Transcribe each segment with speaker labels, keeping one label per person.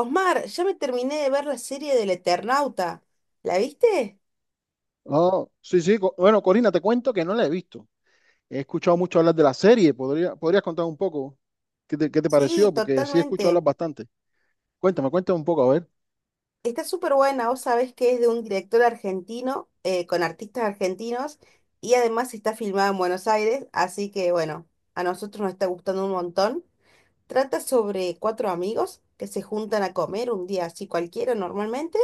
Speaker 1: Osmar, ya me terminé de ver la serie del Eternauta. ¿La viste?
Speaker 2: Oh, sí, sí. Bueno, Corina, te cuento que no la he visto. He escuchado mucho hablar de la serie. ¿Podrías contar un poco qué te
Speaker 1: Sí,
Speaker 2: pareció? Porque sí he escuchado hablar
Speaker 1: totalmente.
Speaker 2: bastante. Cuéntame, cuéntame un poco, a ver.
Speaker 1: Está súper buena. Vos sabés que es de un director argentino, con artistas argentinos, y además está filmada en Buenos Aires, así que bueno, a nosotros nos está gustando un montón. Trata sobre cuatro amigos que se juntan a comer un día así cualquiera normalmente,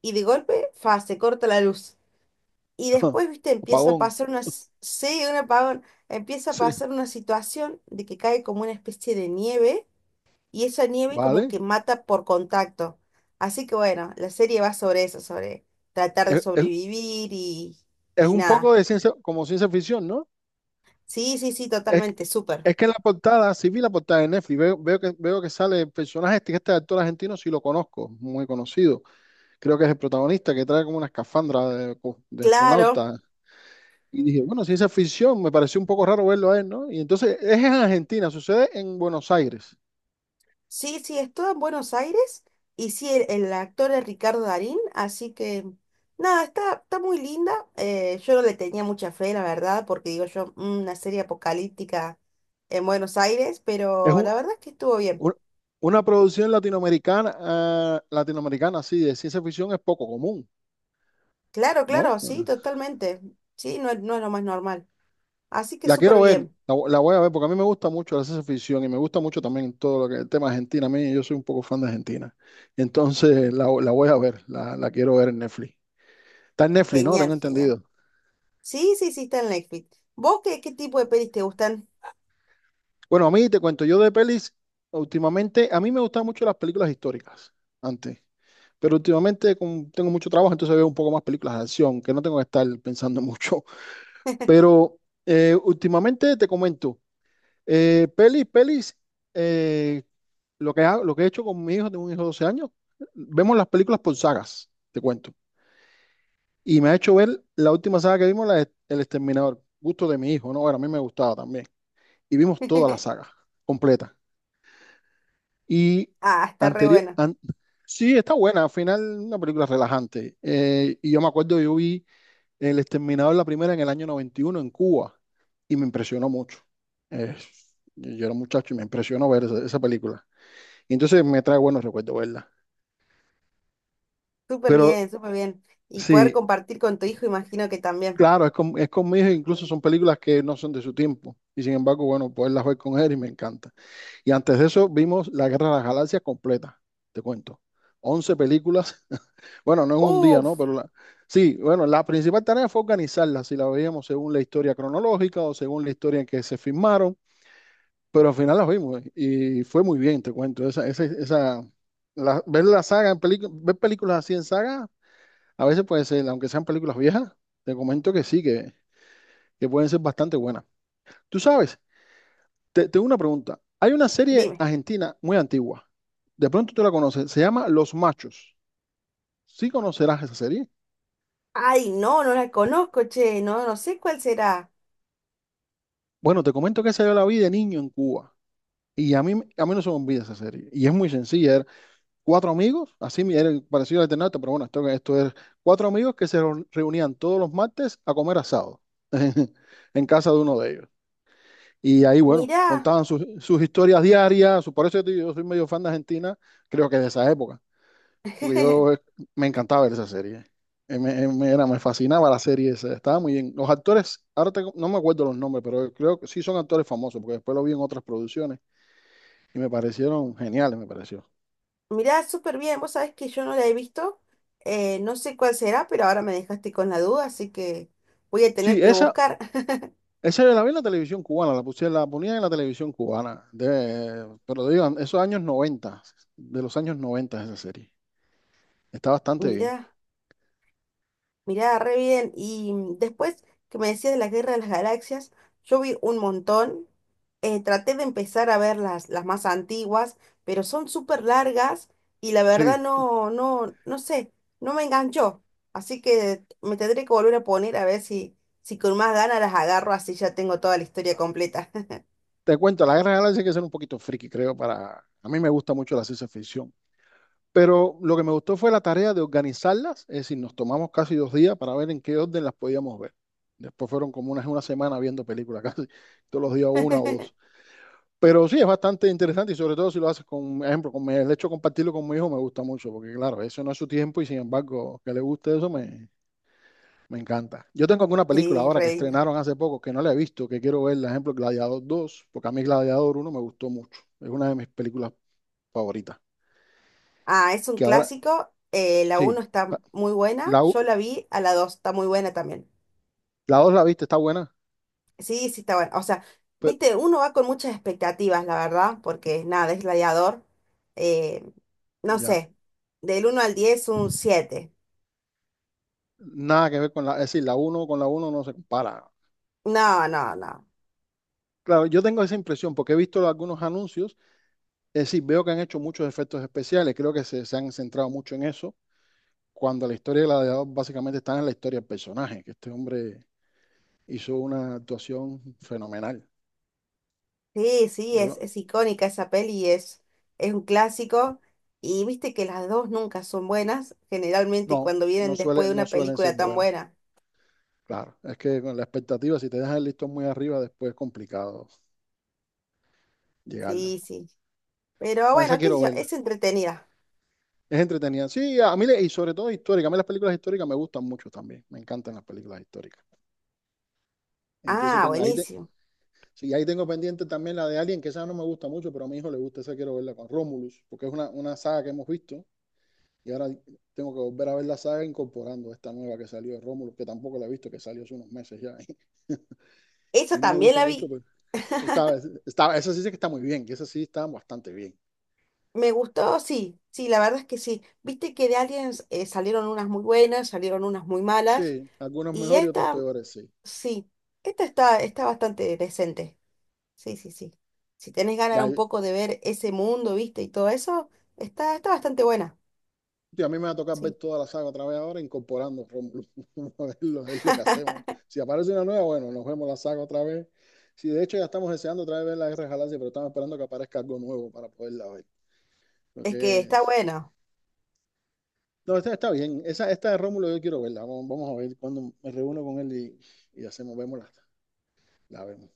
Speaker 1: y de golpe, fa, se corta la luz. Y después, viste, empieza a
Speaker 2: Apagón.
Speaker 1: pasar sí, un apagón, empieza a
Speaker 2: Sí,
Speaker 1: pasar una situación de que cae como una especie de nieve y esa nieve como
Speaker 2: vale.
Speaker 1: que mata por contacto. Así que bueno, la serie va sobre eso, sobre tratar de
Speaker 2: Es, es-
Speaker 1: sobrevivir
Speaker 2: es
Speaker 1: y
Speaker 2: un poco
Speaker 1: nada.
Speaker 2: de ciencia, como ciencia ficción, ¿no?
Speaker 1: Sí,
Speaker 2: Es, que-
Speaker 1: totalmente, súper.
Speaker 2: es que en la portada, sí vi la portada de Netflix, veo que sale el personaje, este actor argentino, sí lo conozco, muy conocido. Creo que es el protagonista que trae como una escafandra de
Speaker 1: Claro.
Speaker 2: astronauta. Y dije, bueno, si es afición, me pareció un poco raro verlo a él, ¿no? Y entonces es en Argentina, sucede en Buenos Aires.
Speaker 1: Sí, sí, es todo en Buenos Aires y sí, el actor es Ricardo Darín, así que nada, está muy linda. Eh, yo no le tenía mucha fe, la verdad, porque digo yo, "Mm, una serie apocalíptica en Buenos Aires",
Speaker 2: Es
Speaker 1: pero
Speaker 2: un-
Speaker 1: la verdad es que estuvo bien.
Speaker 2: un- una producción latinoamericana, así, de ciencia ficción es poco común,
Speaker 1: Claro,
Speaker 2: ¿no?
Speaker 1: claro, sí, totalmente. Sí, no, es- no es lo más normal. Así que
Speaker 2: La
Speaker 1: súper
Speaker 2: quiero ver,
Speaker 1: bien.
Speaker 2: la voy a ver, porque a mí me gusta mucho la ciencia ficción y me gusta mucho también todo lo que el tema Argentina. A mí, yo soy un poco fan de Argentina. Entonces la voy a ver, la quiero ver en Netflix. Está en Netflix, ¿no?
Speaker 1: Genial,
Speaker 2: Tengo
Speaker 1: genial.
Speaker 2: entendido.
Speaker 1: Sí, sí, sí, está en Netflix. ¿Vos qué, qué tipo de pelis te gustan?
Speaker 2: Bueno, a mí te cuento, yo de pelis, últimamente, a mí me gustan mucho las películas históricas, antes. Pero últimamente como tengo mucho trabajo, entonces veo un poco más películas de acción, que no tengo que estar pensando mucho. Pero últimamente te comento, pelis, pelis, eh, lo que hago- lo que he hecho con mi hijo, tengo un hijo de 12 años, vemos las películas por sagas, te cuento. Y me ha hecho ver la última saga que vimos, la de El Exterminador, gusto de mi hijo, ¿no? Bueno, a mí me gustaba también. Y vimos toda la saga completa. Y
Speaker 1: Ah, está re
Speaker 2: anterior,
Speaker 1: buena.
Speaker 2: an- sí, está buena, al final una película relajante. Y yo me acuerdo, yo vi El Exterminador, la primera en el año 91 en Cuba, y me impresionó mucho. Eh, yo era un muchacho y me impresionó ver esa, esa película. Y entonces me trae buenos recuerdos verla.
Speaker 1: Súper
Speaker 2: Pero
Speaker 1: bien, súper bien. Y poder
Speaker 2: sí,
Speaker 1: compartir con tu hijo, imagino que también.
Speaker 2: claro, es con mi hijo, incluso son películas que no son de su tiempo. Y sin embargo, bueno, poderlas ver con él y me encanta. Y antes de eso vimos La Guerra de las Galaxias completa, te cuento. 11 películas. Bueno, no en un día, ¿no?
Speaker 1: Uf,
Speaker 2: Sí, bueno, la principal tarea fue organizarlas, si la veíamos según la historia cronológica o según la historia en que se filmaron, pero al final las vimos y fue muy bien, te cuento. Ver la saga en películas, ver películas así en saga, a veces puede ser, aunque sean películas viejas, te comento que sí, que pueden ser bastante buenas. Tú sabes, tengo una pregunta. Hay una serie
Speaker 1: dime.
Speaker 2: argentina muy antigua. De pronto tú la conoces. Se llama Los Machos. ¿Sí conocerás esa serie?
Speaker 1: Ay, no, no la conozco, che, no, no sé cuál será.
Speaker 2: Bueno, te comento que esa yo la vi de niño en Cuba. Y a mí no se me olvida esa serie. Y es muy sencilla. Eran cuatro amigos, era parecido al Eternauta, pero bueno, esto es cuatro amigos que se reunían todos los martes a comer asado en casa de uno de ellos. Y ahí, bueno,
Speaker 1: Mirá,
Speaker 2: contaban sus historias diarias. Por eso yo te digo, yo soy medio fan de Argentina, creo que de esa época. Porque yo me encantaba ver esa serie. Me fascinaba la serie esa, estaba muy bien. Los actores, ahora no me acuerdo los nombres, pero creo que sí son actores famosos, porque después lo vi en otras producciones y me parecieron geniales, me pareció.
Speaker 1: mirá, súper bien. Vos sabés que yo no la he visto, no sé cuál será, pero ahora me dejaste con la duda, así que voy a tener
Speaker 2: Sí,
Speaker 1: que
Speaker 2: esa,
Speaker 1: buscar.
Speaker 2: esa yo la vi en la televisión cubana, la puse, la ponía en la televisión cubana, pero digan, esos años 90, de los años 90 esa serie. Está bastante bien.
Speaker 1: Mirá. Mirá, re bien. Y después que me decías de la Guerra de las Galaxias, yo vi un montón. Traté de empezar a ver las más antiguas, pero son súper largas y la verdad
Speaker 2: Sí,
Speaker 1: no sé, no me enganchó. Así que me tendré que volver a poner a ver si, si con más ganas las agarro, así ya tengo toda la historia completa.
Speaker 2: te cuento, la guerra de las Galaxias hay que ser un poquito friki, creo, para... A mí me gusta mucho la ciencia ficción. Pero lo que me gustó fue la tarea de organizarlas, es decir, nos tomamos casi 2 días para ver en qué orden las podíamos ver. Después fueron como unas una semana viendo películas casi, todos los días una o dos. Pero sí, es bastante interesante y sobre todo si lo haces con, ejemplo, el hecho de compartirlo con mi hijo me gusta mucho, porque claro, eso no es su tiempo y sin embargo que le guste eso me, me encanta. Yo tengo alguna película
Speaker 1: Sí,
Speaker 2: ahora que
Speaker 1: re lindo.
Speaker 2: estrenaron hace poco que no la he visto, que quiero ver, por ejemplo, Gladiador dos, porque a mí Gladiador uno me gustó mucho, es una de mis películas favoritas.
Speaker 1: Ah, es un
Speaker 2: Que ahora,
Speaker 1: clásico. Eh, la
Speaker 2: sí,
Speaker 1: uno está muy buena.
Speaker 2: la,
Speaker 1: Yo la vi, a la 2 está muy buena también.
Speaker 2: La 2 la viste, está buena,
Speaker 1: Sí, sí, está bueno. O sea,
Speaker 2: pero
Speaker 1: viste, uno va con muchas expectativas, la verdad, porque nada, es gladiador. Eh, no
Speaker 2: ya,
Speaker 1: sé, del uno al 10, un 7.
Speaker 2: nada que ver con la, es decir, la uno con la uno no se compara.
Speaker 1: No, no, no.
Speaker 2: Claro, yo tengo esa impresión porque he visto algunos anuncios, es decir, veo que han hecho muchos efectos especiales, creo que se han centrado mucho en eso, cuando la historia de Gladiador básicamente está en la historia del personaje, que este hombre hizo una actuación fenomenal.
Speaker 1: Sí, sí,
Speaker 2: Yo
Speaker 1: es,
Speaker 2: lo-
Speaker 1: es icónica esa peli, es un clásico. Y viste que las dos nunca son buenas, generalmente
Speaker 2: no,
Speaker 1: cuando
Speaker 2: no
Speaker 1: vienen después
Speaker 2: suele,
Speaker 1: de
Speaker 2: no
Speaker 1: una
Speaker 2: suelen ser
Speaker 1: película tan
Speaker 2: buenas,
Speaker 1: buena.
Speaker 2: claro, es que con la expectativa, si te dejas el listón muy arriba, después es complicado llegarlo.
Speaker 1: Sí, sí. Pero
Speaker 2: No, esa
Speaker 1: bueno, qué sé
Speaker 2: quiero
Speaker 1: yo,
Speaker 2: ver.
Speaker 1: es entretenida.
Speaker 2: Es entretenida. Sí, a mí, y sobre todo histórica. A mí las películas históricas me gustan mucho también. Me encantan las películas históricas. Entonces
Speaker 1: Ah, buenísimo.
Speaker 2: sí, ahí tengo pendiente también la de Alien, que esa no me gusta mucho, pero a mi hijo le gusta, esa quiero verla con Romulus, porque es una saga que hemos visto. Y ahora tengo que volver a ver la saga incorporando esta nueva que salió de Romulus, que tampoco la he visto, que salió hace unos meses ya.
Speaker 1: Eso
Speaker 2: Y no me
Speaker 1: también
Speaker 2: gusta
Speaker 1: la
Speaker 2: mucho,
Speaker 1: vi.
Speaker 2: pero esta, esa sí sé que está muy bien, que esa sí está bastante bien.
Speaker 1: Me gustó, sí, sí, la verdad es que sí. Viste que de Aliens salieron unas muy buenas, salieron unas muy malas,
Speaker 2: Sí, algunas
Speaker 1: y
Speaker 2: mejor y otras peores, sí.
Speaker 1: sí, esta está, está bastante decente. Sí, sí, sí. Si tenés ganas
Speaker 2: Ya,
Speaker 1: un poco de ver ese mundo, viste, y todo eso, está, está bastante buena.
Speaker 2: tío, a mí me va a tocar ver
Speaker 1: Sí,
Speaker 2: toda la saga otra vez ahora, incorporando Rómulo. Vamos a verlo, es lo que hacemos. Si aparece una nueva, bueno, nos vemos la saga otra vez. Si de hecho ya estamos deseando otra vez ver la Guerra de Galaxia, pero estamos esperando que aparezca algo nuevo para poderla ver. Lo
Speaker 1: es que
Speaker 2: que
Speaker 1: está
Speaker 2: es...
Speaker 1: bueno.
Speaker 2: No, esta está bien. Esa, esta de Rómulo yo quiero verla. Vamos, vamos a ver cuando me reúno con él y hacemos, vemos la vemos.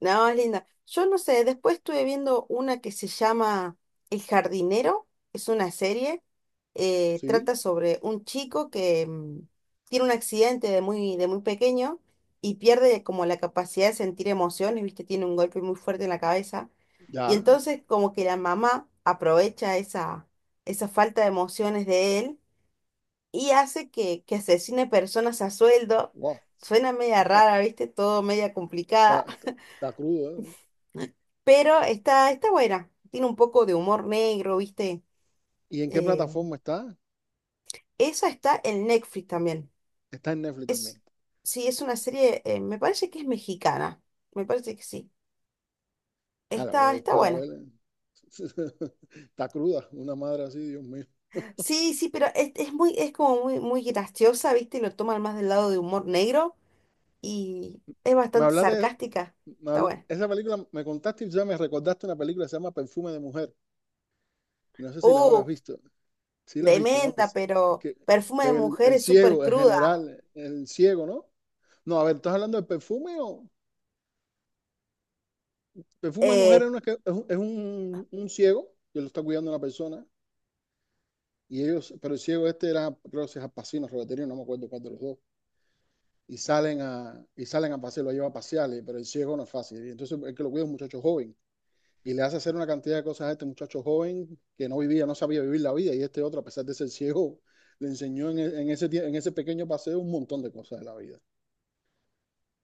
Speaker 1: No, es linda. Yo no sé, después estuve viendo una que se llama El Jardinero, es una serie,
Speaker 2: Sí,
Speaker 1: trata sobre un chico que tiene un accidente de muy pequeño y pierde como la capacidad de sentir emociones, ¿viste? Tiene un golpe muy fuerte en la cabeza y
Speaker 2: ya.
Speaker 1: entonces como que la mamá aprovecha esa falta de emociones de él y hace que asesine personas a sueldo.
Speaker 2: Wow.
Speaker 1: Suena media
Speaker 2: Oh,
Speaker 1: rara, ¿viste? Todo media
Speaker 2: Está,
Speaker 1: complicada.
Speaker 2: está, está crudo, ¿eh?
Speaker 1: Pero está, está buena. Tiene un poco de humor negro, ¿viste?
Speaker 2: ¿Y en qué
Speaker 1: Eh,
Speaker 2: plataforma está?
Speaker 1: Esa está en Netflix también.
Speaker 2: Está en Netflix
Speaker 1: Es,
Speaker 2: también.
Speaker 1: sí, es una serie, me parece que es mexicana. Me parece que sí.
Speaker 2: Ah, la voy a
Speaker 1: Está, está
Speaker 2: buscar a
Speaker 1: buena.
Speaker 2: ver. Está cruda, una madre así, Dios mío.
Speaker 1: Sí, sí, pero es muy, es como muy, muy graciosa, ¿viste? Lo toman más del lado de humor negro y es
Speaker 2: Me
Speaker 1: bastante
Speaker 2: hablaste,
Speaker 1: sarcástica. Está buena.
Speaker 2: esa película, me contaste y ya me recordaste una película que se llama Perfume de Mujer. Y no sé si la
Speaker 1: Uh,
Speaker 2: habrás visto. Sí la has visto, ¿no?
Speaker 1: tremenda, pero
Speaker 2: Que,
Speaker 1: Perfume de
Speaker 2: que el,
Speaker 1: Mujer
Speaker 2: el
Speaker 1: es súper
Speaker 2: ciego, el
Speaker 1: cruda.
Speaker 2: general, el ciego, ¿no? No, a ver, ¿estás hablando de perfume o...? Perfume de Mujer es,
Speaker 1: Eh,
Speaker 2: una que- es un ciego que lo está cuidando una persona. Y ellos, pero el ciego este era, creo que se es Alpacino, Roberterio, no me acuerdo cuál de los dos y salen a pasear, lo lleva a pasear, pero el ciego no es fácil. Y entonces el que lo cuida es un muchacho joven. Y le hace hacer una cantidad de cosas a este muchacho joven que no vivía, no sabía vivir la vida, y este otro, a pesar de ser ciego, le enseñó en ese pequeño paseo un montón de cosas de la vida.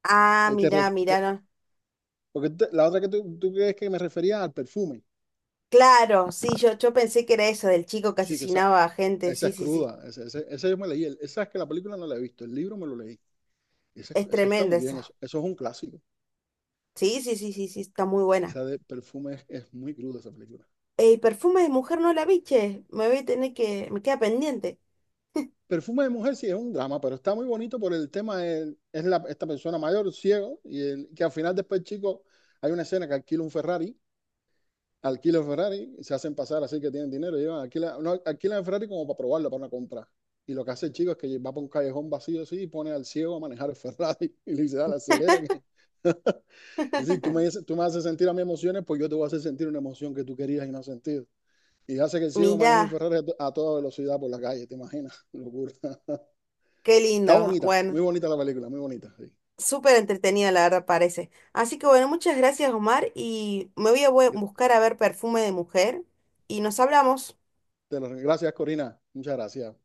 Speaker 2: Este,
Speaker 1: mirá, mirá,
Speaker 2: te-
Speaker 1: no,
Speaker 2: porque la otra que tú crees que me refería al perfume,
Speaker 1: claro, sí, yo pensé que era eso, del chico que
Speaker 2: sí, que
Speaker 1: asesinaba a gente,
Speaker 2: esa
Speaker 1: sí,
Speaker 2: es
Speaker 1: sí, sí.
Speaker 2: cruda, esa yo me leí, esa es que la película no la he visto, el libro me lo leí, esa
Speaker 1: Es
Speaker 2: esa está
Speaker 1: tremenda
Speaker 2: muy bien,
Speaker 1: esa.
Speaker 2: eso es un clásico,
Speaker 1: Sí, sí, sí, sí, sí, está muy buena.
Speaker 2: esa de perfume es, muy cruda esa película.
Speaker 1: El perfume de mujer no la biche. Me voy a tener que, me queda pendiente.
Speaker 2: Perfume de mujer sí es un drama, pero está muy bonito por el tema de, esta persona mayor, ciego, que al final después, chico, hay una escena que alquila un Ferrari, y se hacen pasar así que tienen dinero, llevan, alquila, no, alquilan el Ferrari como para probarlo, para una compra. Y lo que hace el chico es que va por un callejón vacío así y pone al ciego a manejar el Ferrari y le dice, dale, acelera. Es decir, tú me, dices- tú me haces sentir a mis emociones, pues yo te voy a hacer sentir una emoción que tú querías y no has sentido. Y hace que el ciego maneje un
Speaker 1: Mirá,
Speaker 2: Ferrari a toda velocidad por la calle, ¿te imaginas? Locura.
Speaker 1: qué
Speaker 2: Está
Speaker 1: lindo.
Speaker 2: bonita,
Speaker 1: Bueno,
Speaker 2: muy bonita la película, muy bonita, sí.
Speaker 1: súper entretenida la verdad parece. Así que bueno, muchas gracias Omar y me voy a bu- buscar a ver perfume de mujer y nos hablamos.
Speaker 2: Gracias, Corina. Muchas gracias.